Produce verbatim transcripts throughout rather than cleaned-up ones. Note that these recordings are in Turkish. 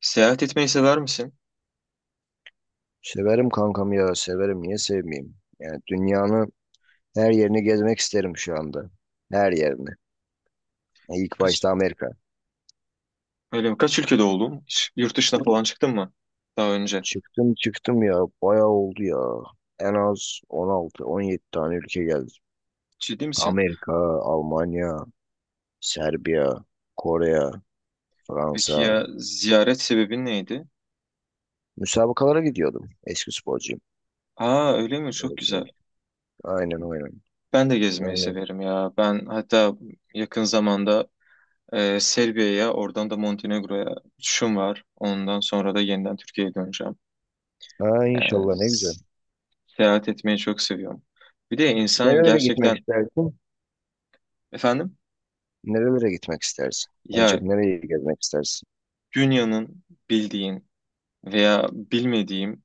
Seyahat etmeyi sever misin? Severim kankam ya severim niye sevmeyeyim? Yani dünyanın her yerini gezmek isterim şu anda. Her yerini. Yani İlk Kaç, başta Amerika. öyle mi? Kaç ülkede oldun? Hiç yurt dışına falan çıktın mı daha önce? Çıktım çıktım ya bayağı oldu ya. En az on altı, on yedi tane ülke geldi. Ciddi misin? Amerika, Almanya, Serbiya, Kore, Peki Fransa. ya ziyaret sebebin neydi? Müsabakalara gidiyordum. Eski sporcuyum. Aa öyle mi? Çok Evet, evet. güzel. Aynen aynen. Ben de gezmeyi Yani severim ya. Ben hatta yakın zamanda e, Serbia'ya, oradan da Montenegro'ya uçuşum var. Ondan sonra da yeniden Türkiye'ye döneceğim. ha, Yani inşallah ne güzel. s- Seyahat etmeyi çok seviyorum. Bir de insan Nerelere gitmek gerçekten istersin? efendim Nerelere gitmek istersin? En ya çok nereyi gezmek istersin? dünyanın bildiğin veya bilmediğim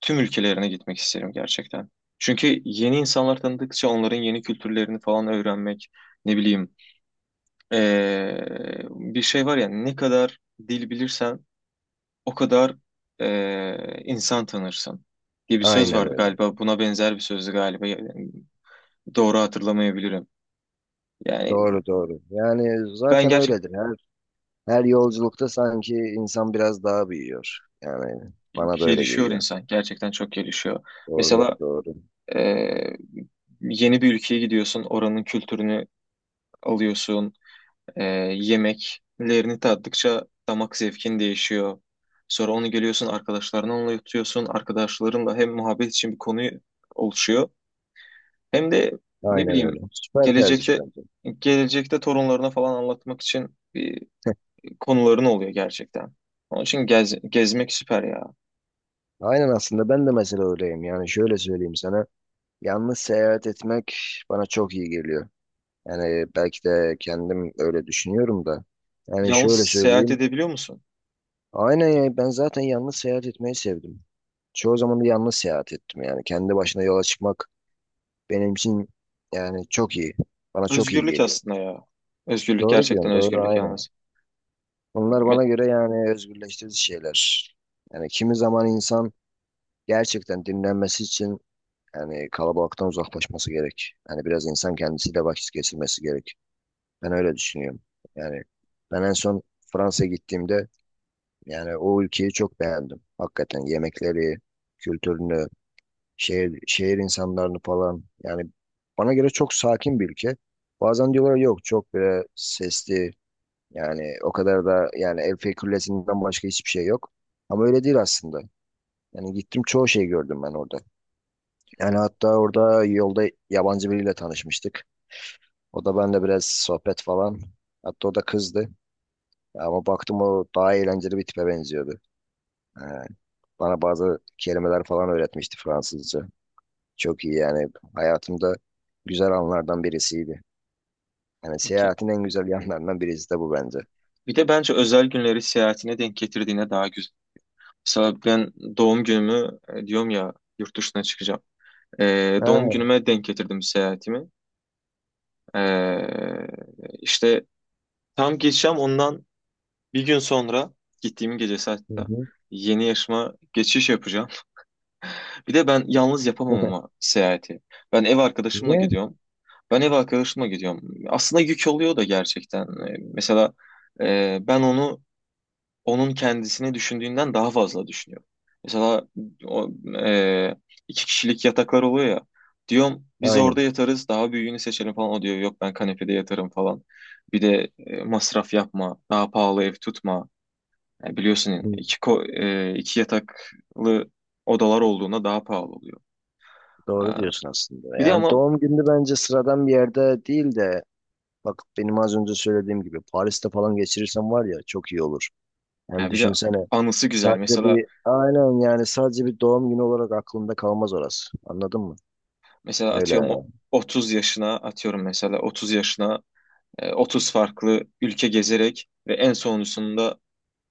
tüm ülkelerine gitmek isterim gerçekten. Çünkü yeni insanlar tanıdıkça onların yeni kültürlerini falan öğrenmek, ne bileyim, eee, bir şey var ya ne kadar dil bilirsen o kadar eee, insan tanırsın diye bir söz Aynen vardı öyle. galiba. Buna benzer bir sözdü galiba. Yani doğru hatırlamayabilirim. Yani Doğru doğru. Yani ben zaten gerçekten öyledir. Her her yolculukta sanki insan biraz daha büyüyor. Yani bana da öyle gelişiyor geliyor. insan. Gerçekten çok gelişiyor. Doğru Mesela doğru. eee, yeni bir ülkeye gidiyorsun, oranın kültürünü alıyorsun, Ee, yemeklerini tattıkça damak zevkin değişiyor. Sonra onu geliyorsun arkadaşlarına anlatıyorsun. Arkadaşlarınla hem muhabbet için bir konu oluşuyor. Hem de ne Aynen öyle. bileyim Süper tercih gelecekte bence. gelecekte torunlarına falan anlatmak için bir konuların oluyor gerçekten. Onun için gez, gezmek süper ya. Aynen aslında ben de mesela öyleyim. Yani şöyle söyleyeyim sana. Yalnız seyahat etmek bana çok iyi geliyor. Yani belki de kendim öyle düşünüyorum da. Yani Yalnız şöyle seyahat söyleyeyim. edebiliyor musun? Aynen ya ben zaten yalnız seyahat etmeyi sevdim. Çoğu zaman da yalnız seyahat ettim yani. Kendi başına yola çıkmak Benim için yani çok iyi. Bana çok iyi Özgürlük geliyor. aslında ya. Özgürlük Doğru gerçekten diyorsun, doğru özgürlük aynen. yalnız. Bunlar Me- bana göre yani özgürleştirici şeyler. Yani kimi zaman insan gerçekten dinlenmesi için yani kalabalıktan uzaklaşması gerek. Yani biraz insan kendisiyle vakit geçirmesi gerek. Ben öyle düşünüyorum. Yani ben en son Fransa'ya gittiğimde yani o ülkeyi çok beğendim. Hakikaten yemekleri, kültürünü, şehir şehir insanlarını falan yani bana göre çok sakin bir ülke. Bazen diyorlar yok çok böyle sesli yani o kadar da yani Eiffel Kulesi'nden başka hiçbir şey yok. Ama öyle değil aslında. Yani gittim çoğu şey gördüm ben orada. Yani hatta orada yolda yabancı biriyle tanışmıştık. O da benimle biraz sohbet falan. Hatta o da kızdı. Ama baktım o daha eğlenceli bir tipe benziyordu. Ee, Bana bazı kelimeler falan öğretmişti Fransızca. Çok iyi yani. Hayatımda güzel anlardan birisiydi. Yani Peki. seyahatin en güzel yanlarından birisi de bu bence. Bir de bence özel günleri seyahatine denk getirdiğine daha güzel. Mesela ben doğum günümü e, diyorum ya yurt dışına çıkacağım. E, Ha, Doğum günüme denk getirdim seyahatimi. E, işte tam geçeceğim ondan bir gün sonra gittiğim gecesi hı hatta hı. yeni yaşıma geçiş yapacağım. Bir de ben yalnız yapamam ama seyahati. Ben ev arkadaşımla Niye? gidiyorum. Ben ev arkadaşımla gidiyorum. Aslında yük oluyor da gerçekten. E, mesela e, ben onu onun kendisini düşündüğünden daha fazla düşünüyor. Mesela o, e, iki kişilik yataklar oluyor ya. Diyorum biz orada Aynen. yatarız daha büyüğünü seçelim falan. O diyor yok ben kanepede yatarım falan. Bir de e, masraf yapma, daha pahalı ev tutma. Yani biliyorsun Hı, iki, ko- e, iki yataklı odalar olduğunda daha pahalı oluyor. Doğru Ha, diyorsun aslında. bir de Yani ama doğum günü bence sıradan bir yerde değil de bak benim az önce söylediğim gibi Paris'te falan geçirirsem var ya çok iyi olur. Yani ya bir de düşünsene anısı güzel. sadece Mesela bir aynen yani sadece bir doğum günü olarak aklımda kalmaz orası. Anladın mı? mesela Öyle atıyorum o- yani. otuz yaşına. Atıyorum mesela otuz yaşına, E, otuz farklı ülke gezerek ve en sonuncusunda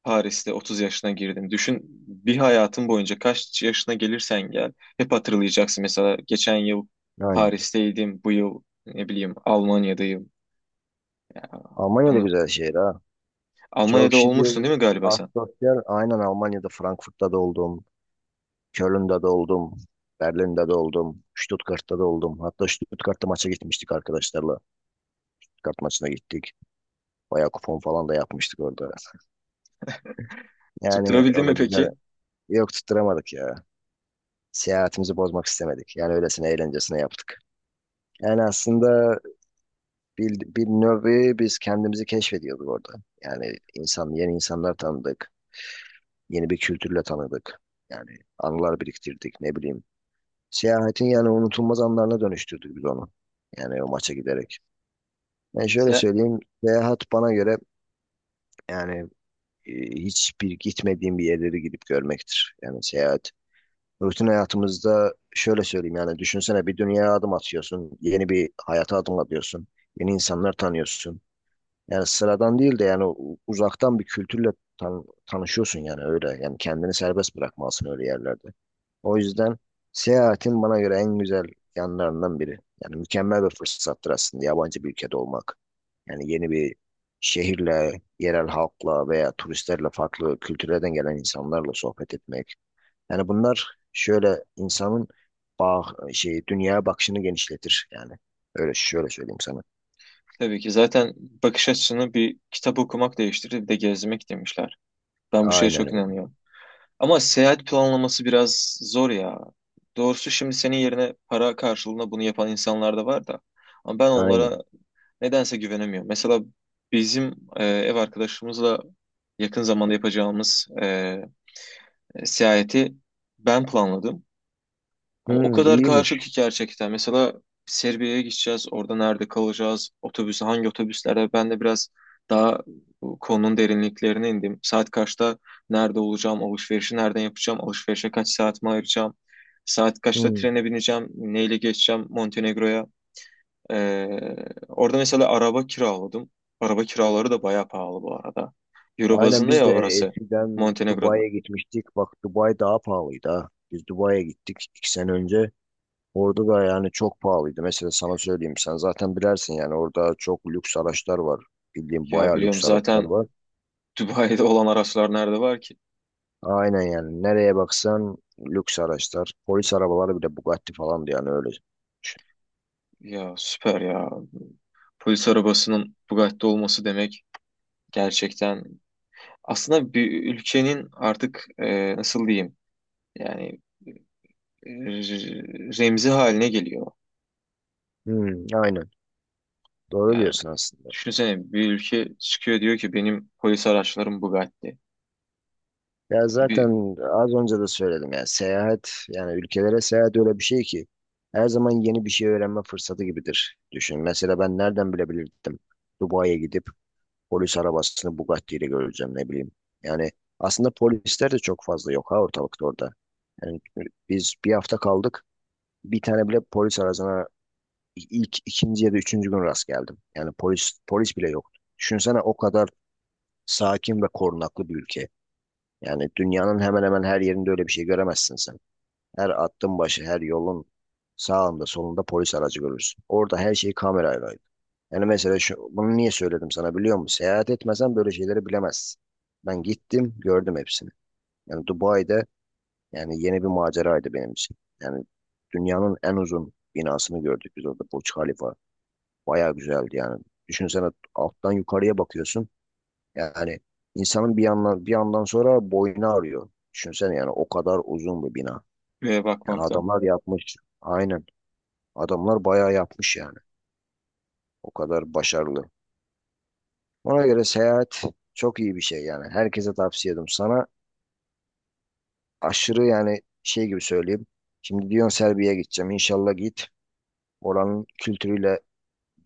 Paris'te otuz yaşına girdim. Düşün, bir hayatın boyunca kaç yaşına gelirsen gel hep hatırlayacaksın. Mesela geçen yıl Aynen. Paris'teydim, bu yıl ne bileyim Almanya'dayım. Ya, Almanya da Bana, güzel şehir ha. Çok Almanya'da şey olmuştun diyor. değil mi galiba sen? Asosyal. Aynen Almanya'da, Frankfurt'ta da oldum. Köln'de de oldum. Berlin'de de oldum. Stuttgart'ta da oldum. Hatta Stuttgart'ta maça gitmiştik arkadaşlarla. Stuttgart maçına gittik. Bayağı kupon falan da yapmıştık orada. Yani Tutturabildin o mi da güzel. peki? Yok tutturamadık ya. Seyahatimizi bozmak istemedik. Yani öylesine eğlencesine yaptık. Yani aslında bir, bir nevi biz kendimizi keşfediyorduk orada. Yani insan, yeni insanlar tanıdık. Yeni bir kültürle tanıdık. Yani anılar biriktirdik ne bileyim. Seyahatin yani unutulmaz anlarına dönüştürdük biz onu. Yani o maça giderek. Ben şöyle Ya, söyleyeyim, seyahat bana göre yani e, hiçbir gitmediğim bir yerleri gidip görmektir. Yani seyahat. Rutin hayatımızda şöyle söyleyeyim yani düşünsene bir dünyaya adım atıyorsun, yeni bir hayata adım atıyorsun, yeni insanlar tanıyorsun. Yani sıradan değil de yani u- uzaktan bir kültürle tan- tanışıyorsun yani öyle. Yani kendini serbest bırakmalısın öyle yerlerde. O yüzden seyahatin bana göre en güzel yanlarından biri. Yani mükemmel bir fırsattır aslında yabancı bir ülkede olmak. Yani yeni bir şehirle, yerel halkla veya turistlerle farklı kültürlerden gelen insanlarla sohbet etmek. Yani bunlar şöyle insanın bağ, şey, dünyaya bakışını genişletir yani. Öyle şöyle söyleyeyim sana. tabii ki zaten bakış açısını bir kitap okumak değiştirir bir de gezmek demişler. Ben bu şeye Aynen çok öyle. inanıyorum. Ama seyahat planlaması biraz zor ya. Doğrusu şimdi senin yerine para karşılığında bunu yapan insanlar da var da. Ama ben Aynen. onlara nedense güvenemiyorum. Mesela bizim e, ev arkadaşımızla yakın zamanda yapacağımız e, e, seyahati ben planladım. Ama o Hmm, kadar karışık iyiymiş. ki gerçekten. Mesela Serbia'ya gideceğiz. Orada nerede kalacağız? Otobüsü hangi otobüslerde? Ben de biraz daha bu konunun derinliklerine indim. Saat kaçta nerede olacağım? Alışverişi nereden yapacağım? Alışverişe kaç saatimi ayıracağım? Saat kaçta Hmm. trene bineceğim? Neyle geçeceğim Montenegro'ya? Ee, Orada mesela araba kiraladım. Araba kiraları da bayağı pahalı bu arada. Euro Aynen bazında biz ya de orası. eskiden Montenegro'da. Dubai'ye gitmiştik. Bak Dubai daha pahalıydı ha. Biz Dubai'ye gittik iki sene önce. Orada da yani çok pahalıydı. Mesela sana söyleyeyim sen zaten bilersin yani orada çok lüks araçlar var. Bildiğim Ya bayağı biliyorum lüks araçlar zaten. var. Dubai'de olan araçlar nerede var ki? Aynen yani nereye baksan lüks araçlar. Polis arabaları bile Bugatti falandı yani öyle. Ya süper ya. Polis arabasının Bugatti'de olması demek gerçekten aslında bir ülkenin artık e, nasıl diyeyim, yani e, remzi haline geliyor. Hmm, aynen doğru Yani diyorsun aslında. düşünsene bir ülke çıkıyor diyor ki benim polis araçlarım Bugatti. Ya Yani Bir zaten az önce de söyledim yani seyahat yani ülkelere seyahat öyle bir şey ki her zaman yeni bir şey öğrenme fırsatı gibidir. Düşün mesela ben nereden bilebilirdim Dubai'ye gidip polis arabasını Bugatti ile göreceğim ne bileyim. Yani aslında polisler de çok fazla yok ha ortalıkta orada. Yani biz bir hafta kaldık. Bir tane bile polis aracına ilk ikinci ya da üçüncü gün rast geldim. Yani polis polis bile yoktu. Düşünsene o kadar sakin ve korunaklı bir ülke. Yani dünyanın hemen hemen her yerinde öyle bir şey göremezsin sen. Her attığın başı, her yolun sağında, solunda polis aracı görürsün. Orada her şey kamerayla. Yani mesela şu, bunu niye söyledim sana biliyor musun? Seyahat etmesen böyle şeyleri bilemezsin. Ben gittim, gördüm hepsini. Yani Dubai'de yani yeni bir maceraydı benim için. Yani dünyanın en uzun binasını gördük biz orada Burç Khalifa. Bayağı güzeldi yani. Düşünsene alttan yukarıya bakıyorsun. Yani insanın bir yandan bir yandan sonra boynu ağrıyor. Düşünsene yani o kadar uzun bir bina. Buraya Yani bakmaktan. adamlar yapmış. Aynen Adamlar bayağı yapmış yani. O kadar başarılı. Ona göre seyahat çok iyi bir şey yani. Herkese tavsiye ediyorum. Sana aşırı yani şey gibi söyleyeyim. Şimdi diyorsun Serbia'ya gideceğim. İnşallah git. Oranın kültürüyle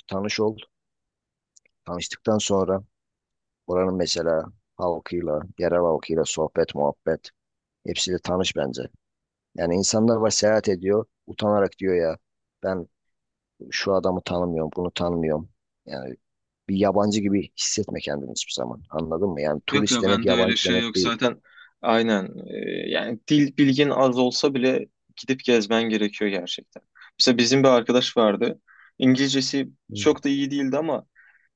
tanış ol. Tanıştıktan sonra oranın mesela halkıyla, yerel halkıyla sohbet, muhabbet hepsiyle tanış bence. Yani insanlar var seyahat ediyor. Utanarak diyor ya ben şu adamı tanımıyorum, bunu tanımıyorum. Yani bir yabancı gibi hissetme kendini hiçbir zaman. Anladın mı? Yani Yok turist ya demek bende öyle yabancı şey demek yok değil. zaten. Aynen. E, yani dil bilgin az olsa bile gidip gezmen gerekiyor gerçekten. Mesela bizim bir arkadaş vardı. İngilizcesi Hı. çok da iyi değildi ama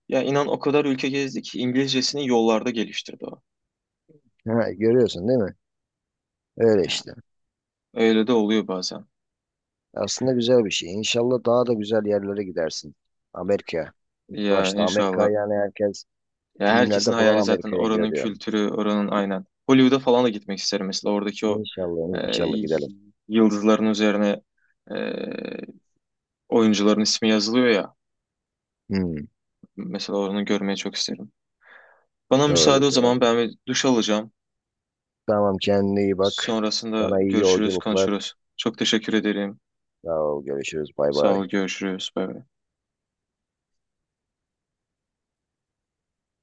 ya inan o kadar ülke gezdi ki İngilizcesini yollarda geliştirdi o. Ha, görüyorsun değil mi? Öyle Ya işte. öyle de oluyor bazen. Aslında güzel bir şey. İnşallah daha da güzel yerlere gidersin. Amerika. İlk Ya başta Amerika inşallah. yani herkes Ya herkesin filmlerde falan hayali zaten Amerika'yı oranın görüyor. kültürü, oranın aynen. Hollywood'a falan da gitmek isterim mesela oradaki o İnşallah e, inşallah gidelim. yıldızların üzerine e, oyuncuların ismi yazılıyor ya. Hmm, Mesela onu görmeyi çok isterim. Bana doğru müsaade o doğru. zaman ben bir duş alacağım. Tamam kendine iyi bak. Sonrasında Sana iyi görüşürüz, yolculuklar. konuşuruz. Çok teşekkür ederim. Sağ ol. Görüşürüz. Bay Sağ bay. ol, görüşürüz. Bay bay.